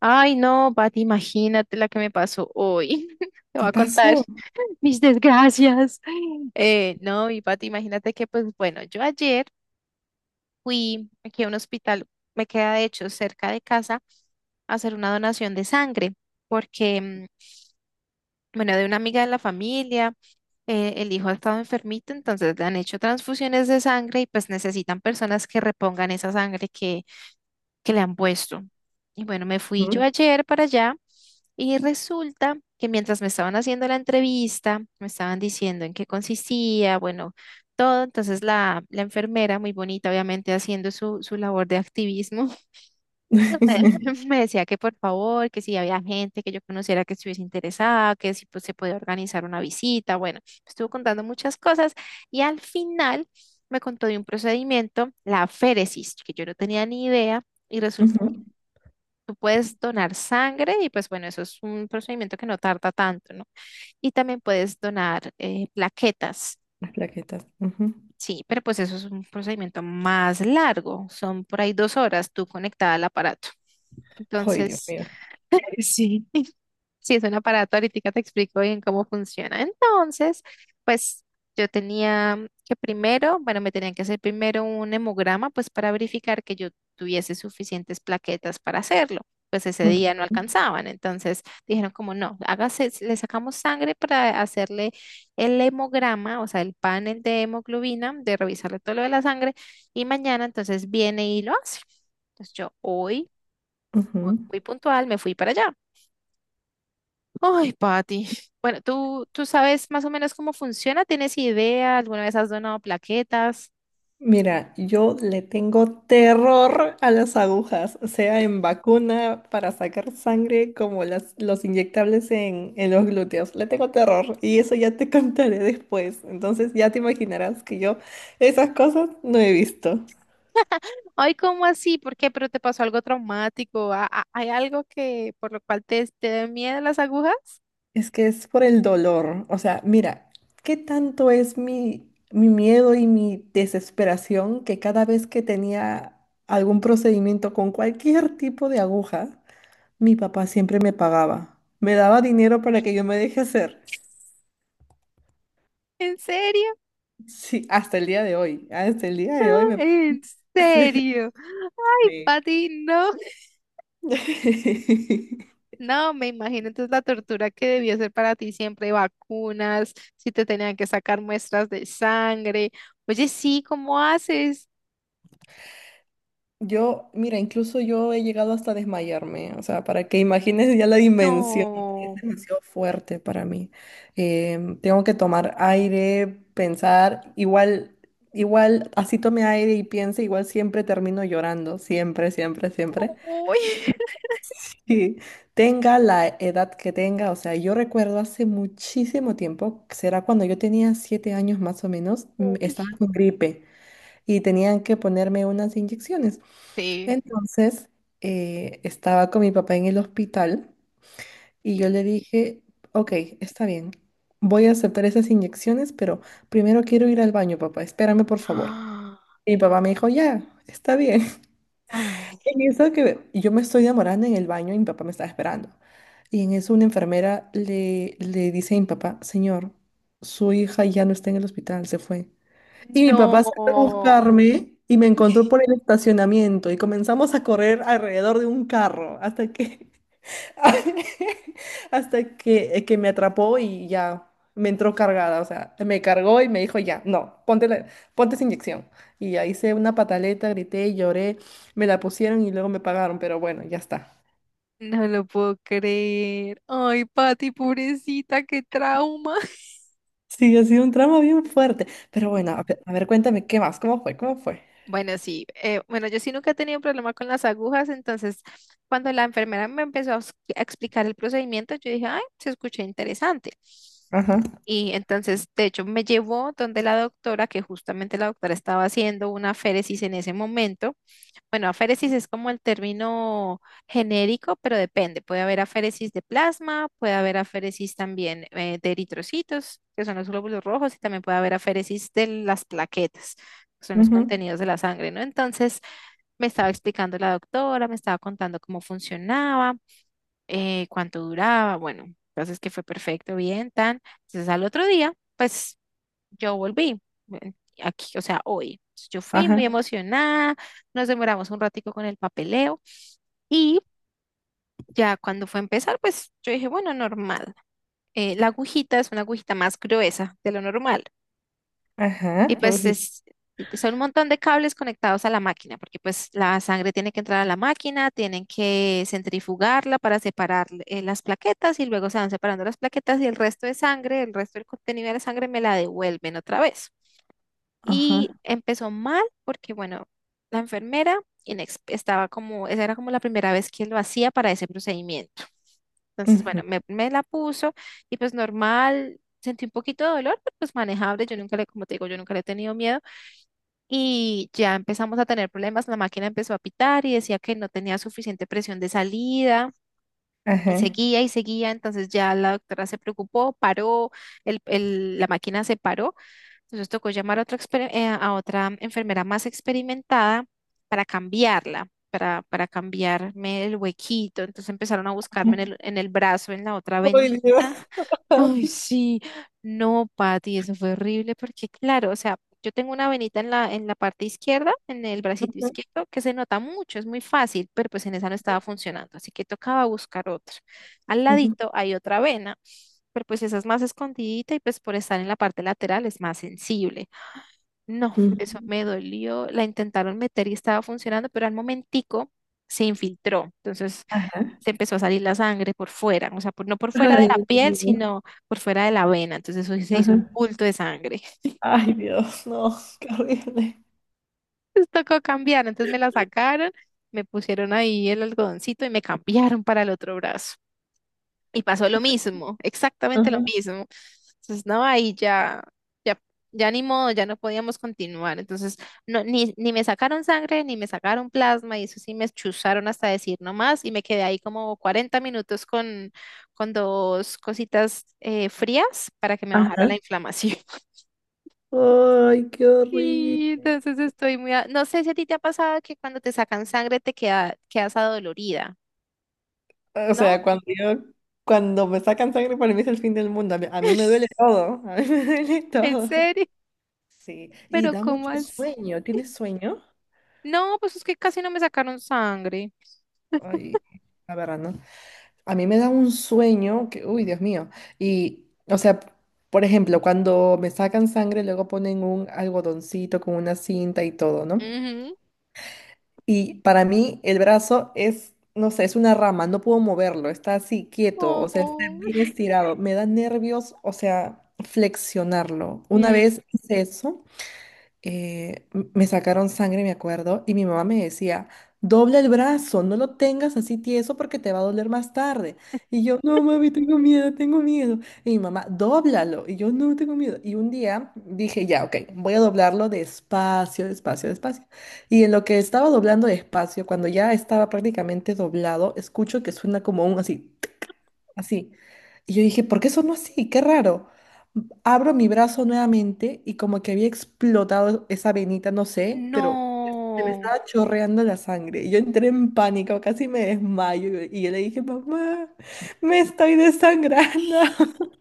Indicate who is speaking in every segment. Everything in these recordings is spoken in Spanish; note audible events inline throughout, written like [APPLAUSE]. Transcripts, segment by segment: Speaker 1: Ay, no, Pati, imagínate la que me pasó hoy. [LAUGHS] Te voy
Speaker 2: ¿Qué
Speaker 1: a contar
Speaker 2: pasó?
Speaker 1: mis desgracias. No, Y Pati, imagínate que, pues bueno, yo ayer fui aquí a un hospital, me queda de hecho cerca de casa, a hacer una donación de sangre, porque, bueno, de una amiga de la familia, el hijo ha estado enfermito, entonces le han hecho transfusiones de sangre y pues necesitan personas que repongan esa sangre que le han puesto. Y bueno, me fui yo ayer para allá y resulta que mientras me estaban haciendo la entrevista, me estaban diciendo en qué consistía, bueno, todo. Entonces la enfermera, muy bonita, obviamente, haciendo su labor de activismo,
Speaker 2: [LAUGHS]
Speaker 1: [LAUGHS] me decía que por favor, que si había gente que yo conociera que estuviese interesada, que si pues, se podía organizar una visita. Bueno, estuvo contando muchas cosas y al final me contó de un procedimiento, la féresis, que yo no tenía ni idea. Y resulta
Speaker 2: Ujú.
Speaker 1: tú puedes donar sangre y pues bueno, eso es un procedimiento que no tarda tanto, ¿no? Y también puedes donar plaquetas,
Speaker 2: Las plaquetas. Ujú.
Speaker 1: sí, pero pues eso es un procedimiento más largo, son por ahí 2 horas tú conectada al aparato.
Speaker 2: Ay, Dios
Speaker 1: Entonces,
Speaker 2: mío.
Speaker 1: sí, sí, es un aparato, ahorita te explico bien cómo funciona. Entonces, pues yo tenía que primero, bueno, me tenían que hacer primero un hemograma, pues para verificar que yo tuviese suficientes plaquetas para hacerlo. Pues ese
Speaker 2: Ujú,
Speaker 1: día no alcanzaban, entonces dijeron como no, hágase, le sacamos sangre para hacerle el hemograma, o sea, el panel de hemoglobina, de revisarle todo lo de la sangre, y mañana entonces viene y lo hace. Entonces yo hoy,
Speaker 2: ujú.
Speaker 1: muy puntual, me fui para allá. Ay, Pati. Bueno, ¿tú, tú sabes más o menos cómo funciona? ¿Tienes idea? ¿Alguna vez has donado plaquetas?
Speaker 2: Mira, yo le tengo terror a las agujas, sea en vacuna para sacar sangre como los inyectables en los glúteos. Le tengo terror y eso ya te [LAUGHS] contaré después. Entonces ya te imaginarás que yo esas cosas no he visto.
Speaker 1: Ay, ¿cómo así? ¿Por qué? ¿Pero te pasó algo traumático? ¿Hay algo que por lo cual te, te den miedo las agujas?
Speaker 2: Es que es por el dolor. O sea, mira, ¿qué tanto es mi miedo y mi desesperación que cada vez que tenía algún procedimiento con cualquier tipo de aguja? Mi papá siempre me pagaba, me daba dinero para que yo me deje hacer.
Speaker 1: ¿En serio?
Speaker 2: Sí, hasta el día de hoy, hasta el día de hoy me...
Speaker 1: ¿En
Speaker 2: [LAUGHS] Sí.
Speaker 1: serio? Ay,
Speaker 2: Sí.
Speaker 1: Pati, no.
Speaker 2: [LAUGHS]
Speaker 1: No, me imagino entonces la tortura que debió ser para ti siempre, vacunas, si te tenían que sacar muestras de sangre. Oye, sí, ¿cómo haces?
Speaker 2: Yo, mira, incluso yo he llegado hasta desmayarme, o sea, para que imagines ya la dimensión, es
Speaker 1: No.
Speaker 2: demasiado fuerte para mí. Tengo que tomar aire, pensar, igual, así tome aire y piense, igual siempre termino llorando, siempre, siempre, siempre.
Speaker 1: Uy.
Speaker 2: Sí, tenga la edad que tenga, o sea, yo recuerdo hace muchísimo tiempo, será cuando yo tenía 7 años más o menos,
Speaker 1: [LAUGHS] Uy.
Speaker 2: estaba con gripe y tenían que ponerme unas inyecciones.
Speaker 1: Sí.
Speaker 2: Entonces, estaba con mi papá en el hospital y yo le dije, ok, está bien, voy a aceptar esas inyecciones, pero primero quiero ir al baño, papá, espérame por favor.
Speaker 1: ¡Ah!
Speaker 2: Y mi papá me dijo, ya, está bien.
Speaker 1: Ay,
Speaker 2: En eso que yo me estoy demorando en el baño y mi papá me estaba esperando. Y en eso una enfermera le dice a mi papá, señor, su hija ya no está en el hospital, se fue. Y mi
Speaker 1: no,
Speaker 2: papá salió a buscarme y me encontró por el estacionamiento y comenzamos a correr alrededor de un carro hasta que [LAUGHS] Hasta que me atrapó y ya me entró cargada, o sea, me cargó y me dijo, ya, no, ponte, ponte esa inyección. Y ya hice una pataleta, grité, lloré, me la pusieron y luego me pagaron, pero bueno, ya está.
Speaker 1: no lo puedo creer. Ay, Pati, pobrecita, qué trauma. [LAUGHS]
Speaker 2: Sí, ha sido un tramo bien fuerte, pero bueno,
Speaker 1: Ay.
Speaker 2: a ver, cuéntame, ¿qué más? ¿Cómo fue? ¿Cómo fue?
Speaker 1: Bueno, sí, bueno, yo sí nunca he tenido problema con las agujas, entonces cuando la enfermera me empezó a explicar el procedimiento, yo dije, ay, se escucha interesante.
Speaker 2: Ajá,
Speaker 1: Y entonces, de hecho, me llevó donde la doctora, que justamente la doctora estaba haciendo una féresis en ese momento. Bueno, aféresis es como el término genérico, pero depende. Puede haber aféresis de plasma, puede haber aféresis también de eritrocitos, que son los glóbulos rojos, y también puede haber aféresis de las plaquetas, que son los
Speaker 2: ujú,
Speaker 1: contenidos de la sangre, ¿no? Entonces, me estaba explicando la doctora, me estaba contando cómo funcionaba, cuánto duraba, bueno, entonces que fue perfecto, bien, tan. Entonces, al otro día, pues yo volví eh, aquí, o sea, hoy. Yo fui
Speaker 2: ajá,
Speaker 1: muy emocionada, nos demoramos un ratico con el papeleo y ya cuando fue a empezar, pues yo dije, bueno, normal. La agujita es una agujita más gruesa de lo normal y ¿eh?
Speaker 2: ajá,
Speaker 1: Pues
Speaker 2: uy,
Speaker 1: es, son un montón de cables conectados a la máquina porque pues la sangre tiene que entrar a la máquina, tienen que centrifugarla para separar las plaquetas y luego se van separando las plaquetas y el resto de sangre, el resto del contenido de la sangre me la devuelven otra vez.
Speaker 2: ajá,
Speaker 1: Y empezó mal porque, bueno, la enfermera estaba como, esa era como la primera vez que lo hacía para ese procedimiento. Entonces, bueno,
Speaker 2: ujú,
Speaker 1: me la puso y pues normal, sentí un poquito de dolor, pero pues manejable. Yo nunca le, como te digo, yo nunca le he tenido miedo. Y ya empezamos a tener problemas, la máquina empezó a pitar y decía que no tenía suficiente presión de salida.
Speaker 2: ajá.
Speaker 1: Y seguía, entonces ya la doctora se preocupó, paró, la máquina se paró, entonces tocó llamar a otra, a otra enfermera más experimentada para cambiarla, para cambiarme el huequito, entonces empezaron a buscarme en en el brazo, en la otra
Speaker 2: Ay, Dios.
Speaker 1: venita. Ay,
Speaker 2: [LAUGHS]
Speaker 1: sí, no, Pati, eso fue horrible porque, claro, o sea, yo tengo una venita en en la parte izquierda, en el bracito izquierdo, que se nota mucho, es muy fácil, pero pues en esa no estaba funcionando, así que tocaba buscar otra. Al
Speaker 2: Ujú, ujú,
Speaker 1: ladito hay otra vena, pero pues esa es más escondidita y pues por estar en la parte lateral es más sensible. No,
Speaker 2: ujú,
Speaker 1: eso me dolió, la intentaron meter y estaba funcionando, pero al momentico se infiltró, entonces
Speaker 2: ajá.
Speaker 1: se empezó a salir la sangre por fuera, o sea, no por fuera de
Speaker 2: Ay,
Speaker 1: la
Speaker 2: Dios
Speaker 1: piel,
Speaker 2: mío.
Speaker 1: sino por fuera de la vena. Entonces eso se hizo un
Speaker 2: Ajá.
Speaker 1: bulto de sangre. [LAUGHS]
Speaker 2: Ay, Dios, no, qué horrible.
Speaker 1: Entonces tocó cambiar, entonces me la sacaron, me pusieron ahí el algodoncito y me cambiaron para el otro brazo. Y pasó lo mismo, exactamente lo
Speaker 2: Ajá,
Speaker 1: mismo. Entonces, no, ahí ya, ya, ya ni modo, ya no podíamos continuar. Entonces, no, ni me sacaron sangre, ni me sacaron plasma, y eso sí me chuzaron hasta decir no más, y me quedé ahí como 40 minutos con dos cositas frías para que me bajara
Speaker 2: ajá.
Speaker 1: la inflamación. [LAUGHS]
Speaker 2: Ay, qué
Speaker 1: Y
Speaker 2: horrible.
Speaker 1: entonces estoy muy, a- no sé si a ti te ha pasado que cuando te sacan sangre te queda, quedas adolorida,
Speaker 2: O
Speaker 1: ¿no?
Speaker 2: sea, cuando me sacan sangre, para mí es el fin del mundo. A mí me
Speaker 1: [LAUGHS]
Speaker 2: duele todo. A mí me duele [LAUGHS]
Speaker 1: ¿En
Speaker 2: todo.
Speaker 1: serio?
Speaker 2: Sí, y
Speaker 1: Pero
Speaker 2: da
Speaker 1: ¿cómo
Speaker 2: mucho
Speaker 1: así?
Speaker 2: sueño. ¿Tienes sueño?
Speaker 1: No, pues es que casi no me sacaron sangre.
Speaker 2: Ay, la verdad, ¿no? A mí me da un sueño que, uy, Dios mío. Y, o sea, por ejemplo, cuando me sacan sangre, luego ponen un algodoncito con una cinta y todo, ¿no?
Speaker 1: Ujú.
Speaker 2: Y para mí el brazo es, no sé, es una rama, no puedo moverlo, está así quieto, o sea, está
Speaker 1: Oh,
Speaker 2: bien estirado. Me da nervios, o sea, flexionarlo. Una
Speaker 1: eh,
Speaker 2: vez hice eso, me sacaron sangre, me acuerdo, y mi mamá me decía, dobla el brazo, no lo tengas así tieso porque te va a doler más tarde. Y yo, no, mami, tengo miedo, tengo miedo. Y mi mamá, dóblalo. Y yo, no, tengo miedo. Y un día dije, ya, ok, voy a doblarlo despacio, despacio, despacio. Y en lo que estaba doblando despacio, cuando ya estaba prácticamente doblado, escucho que suena como un así así. Y yo dije, ¿por qué sonó así? Qué raro. Abro mi brazo nuevamente y como que había explotado esa venita, no sé, pero se me
Speaker 1: no.
Speaker 2: estaba chorreando la sangre. Y yo entré en pánico, casi me desmayo. Y yo le dije, mamá, me estoy desangrando. [LAUGHS]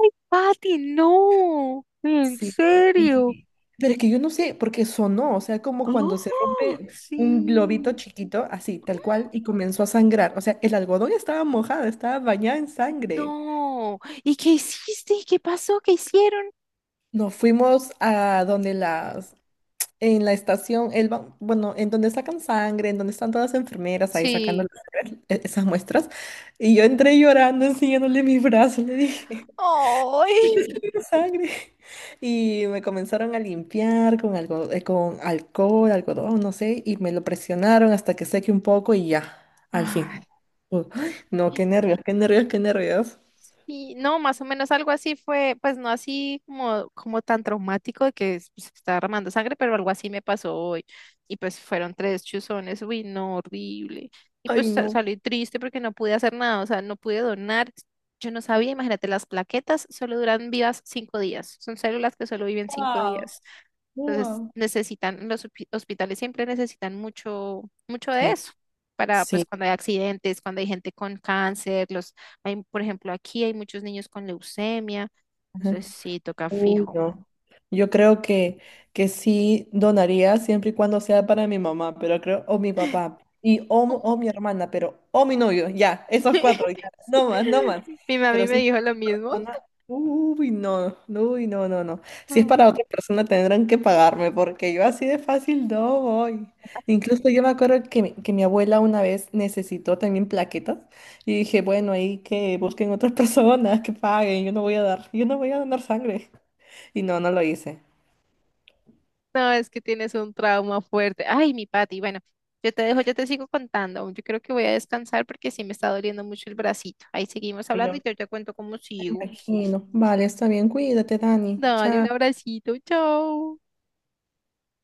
Speaker 1: Ay, Pati, no. ¿En
Speaker 2: Sí.
Speaker 1: serio?
Speaker 2: Y- pero es que yo no sé, porque sonó, o sea, como cuando se
Speaker 1: Oh,
Speaker 2: rompe un globito
Speaker 1: sí.
Speaker 2: chiquito, así, tal cual, y comenzó a sangrar. O sea, el algodón estaba mojado, estaba bañado en sangre.
Speaker 1: No. ¿Y qué hiciste? ¿Qué pasó? ¿Qué hicieron?
Speaker 2: Nos fuimos a donde en la estación, bueno, en donde sacan sangre, en donde están todas las enfermeras ahí sacando
Speaker 1: Sí.
Speaker 2: las sangre, esas muestras. Y yo entré llorando, enseñándole mis brazos, le dije,
Speaker 1: Ay.
Speaker 2: "Tengo sangre". Y me comenzaron a limpiar con algo, con alcohol, algodón, no sé, y me lo presionaron hasta que seque un poco y ya, al fin.
Speaker 1: Ay.
Speaker 2: ¡Ay! No, qué nervios, qué nervios, qué nervios.
Speaker 1: Y no, más o menos algo así fue, pues no así como, como tan traumático de que se estaba armando sangre, pero algo así me pasó hoy. Y pues fueron tres chuzones, uy, no, horrible. Y pues
Speaker 2: Ay, no.
Speaker 1: salí triste porque no pude hacer nada, o sea, no pude donar. Yo no sabía, imagínate, las plaquetas solo duran vivas 5 días, son células que solo viven cinco
Speaker 2: Wow,
Speaker 1: días. Entonces
Speaker 2: wow.
Speaker 1: necesitan, los hospitales siempre necesitan mucho, mucho de
Speaker 2: Sí,
Speaker 1: eso para pues
Speaker 2: sí.
Speaker 1: cuando hay accidentes, cuando hay gente con cáncer, los, hay, por ejemplo, aquí hay muchos niños con leucemia,
Speaker 2: Ajá.
Speaker 1: entonces sí, toca
Speaker 2: Uy,
Speaker 1: fijo.
Speaker 2: no. Yo creo que, sí donaría siempre y cuando sea para mi mamá, pero creo, o mi papá, o mi hermana, pero, o mi novio, ya, esos cuatro,
Speaker 1: [LAUGHS]
Speaker 2: ya, no más, no
Speaker 1: Sí.
Speaker 2: más.
Speaker 1: Mi mami
Speaker 2: Pero si
Speaker 1: me
Speaker 2: es
Speaker 1: dijo
Speaker 2: para
Speaker 1: lo
Speaker 2: otra
Speaker 1: mismo.
Speaker 2: persona, uy, no, no, no. Si es
Speaker 1: Mm.
Speaker 2: para otra persona tendrán que pagarme, porque yo así de fácil no voy. Incluso yo me acuerdo que, que mi abuela una vez necesitó también plaquetas. Y dije, bueno, ahí que busquen otras [LAUGHS] personas que paguen, yo no voy a dar, yo no voy a donar sangre. Y no, no lo hice.
Speaker 1: No, es que tienes un trauma fuerte. Ay, mi Pati, bueno, yo te dejo, yo te sigo contando. Yo creo que voy a descansar porque sí me está doliendo mucho el bracito. Ahí seguimos
Speaker 2: Ay, yo
Speaker 1: hablando
Speaker 2: me
Speaker 1: y yo te cuento cómo sigo.
Speaker 2: imagino. Vale, está bien, cuídate, Dani. Chao.
Speaker 1: Dale un abracito, chao.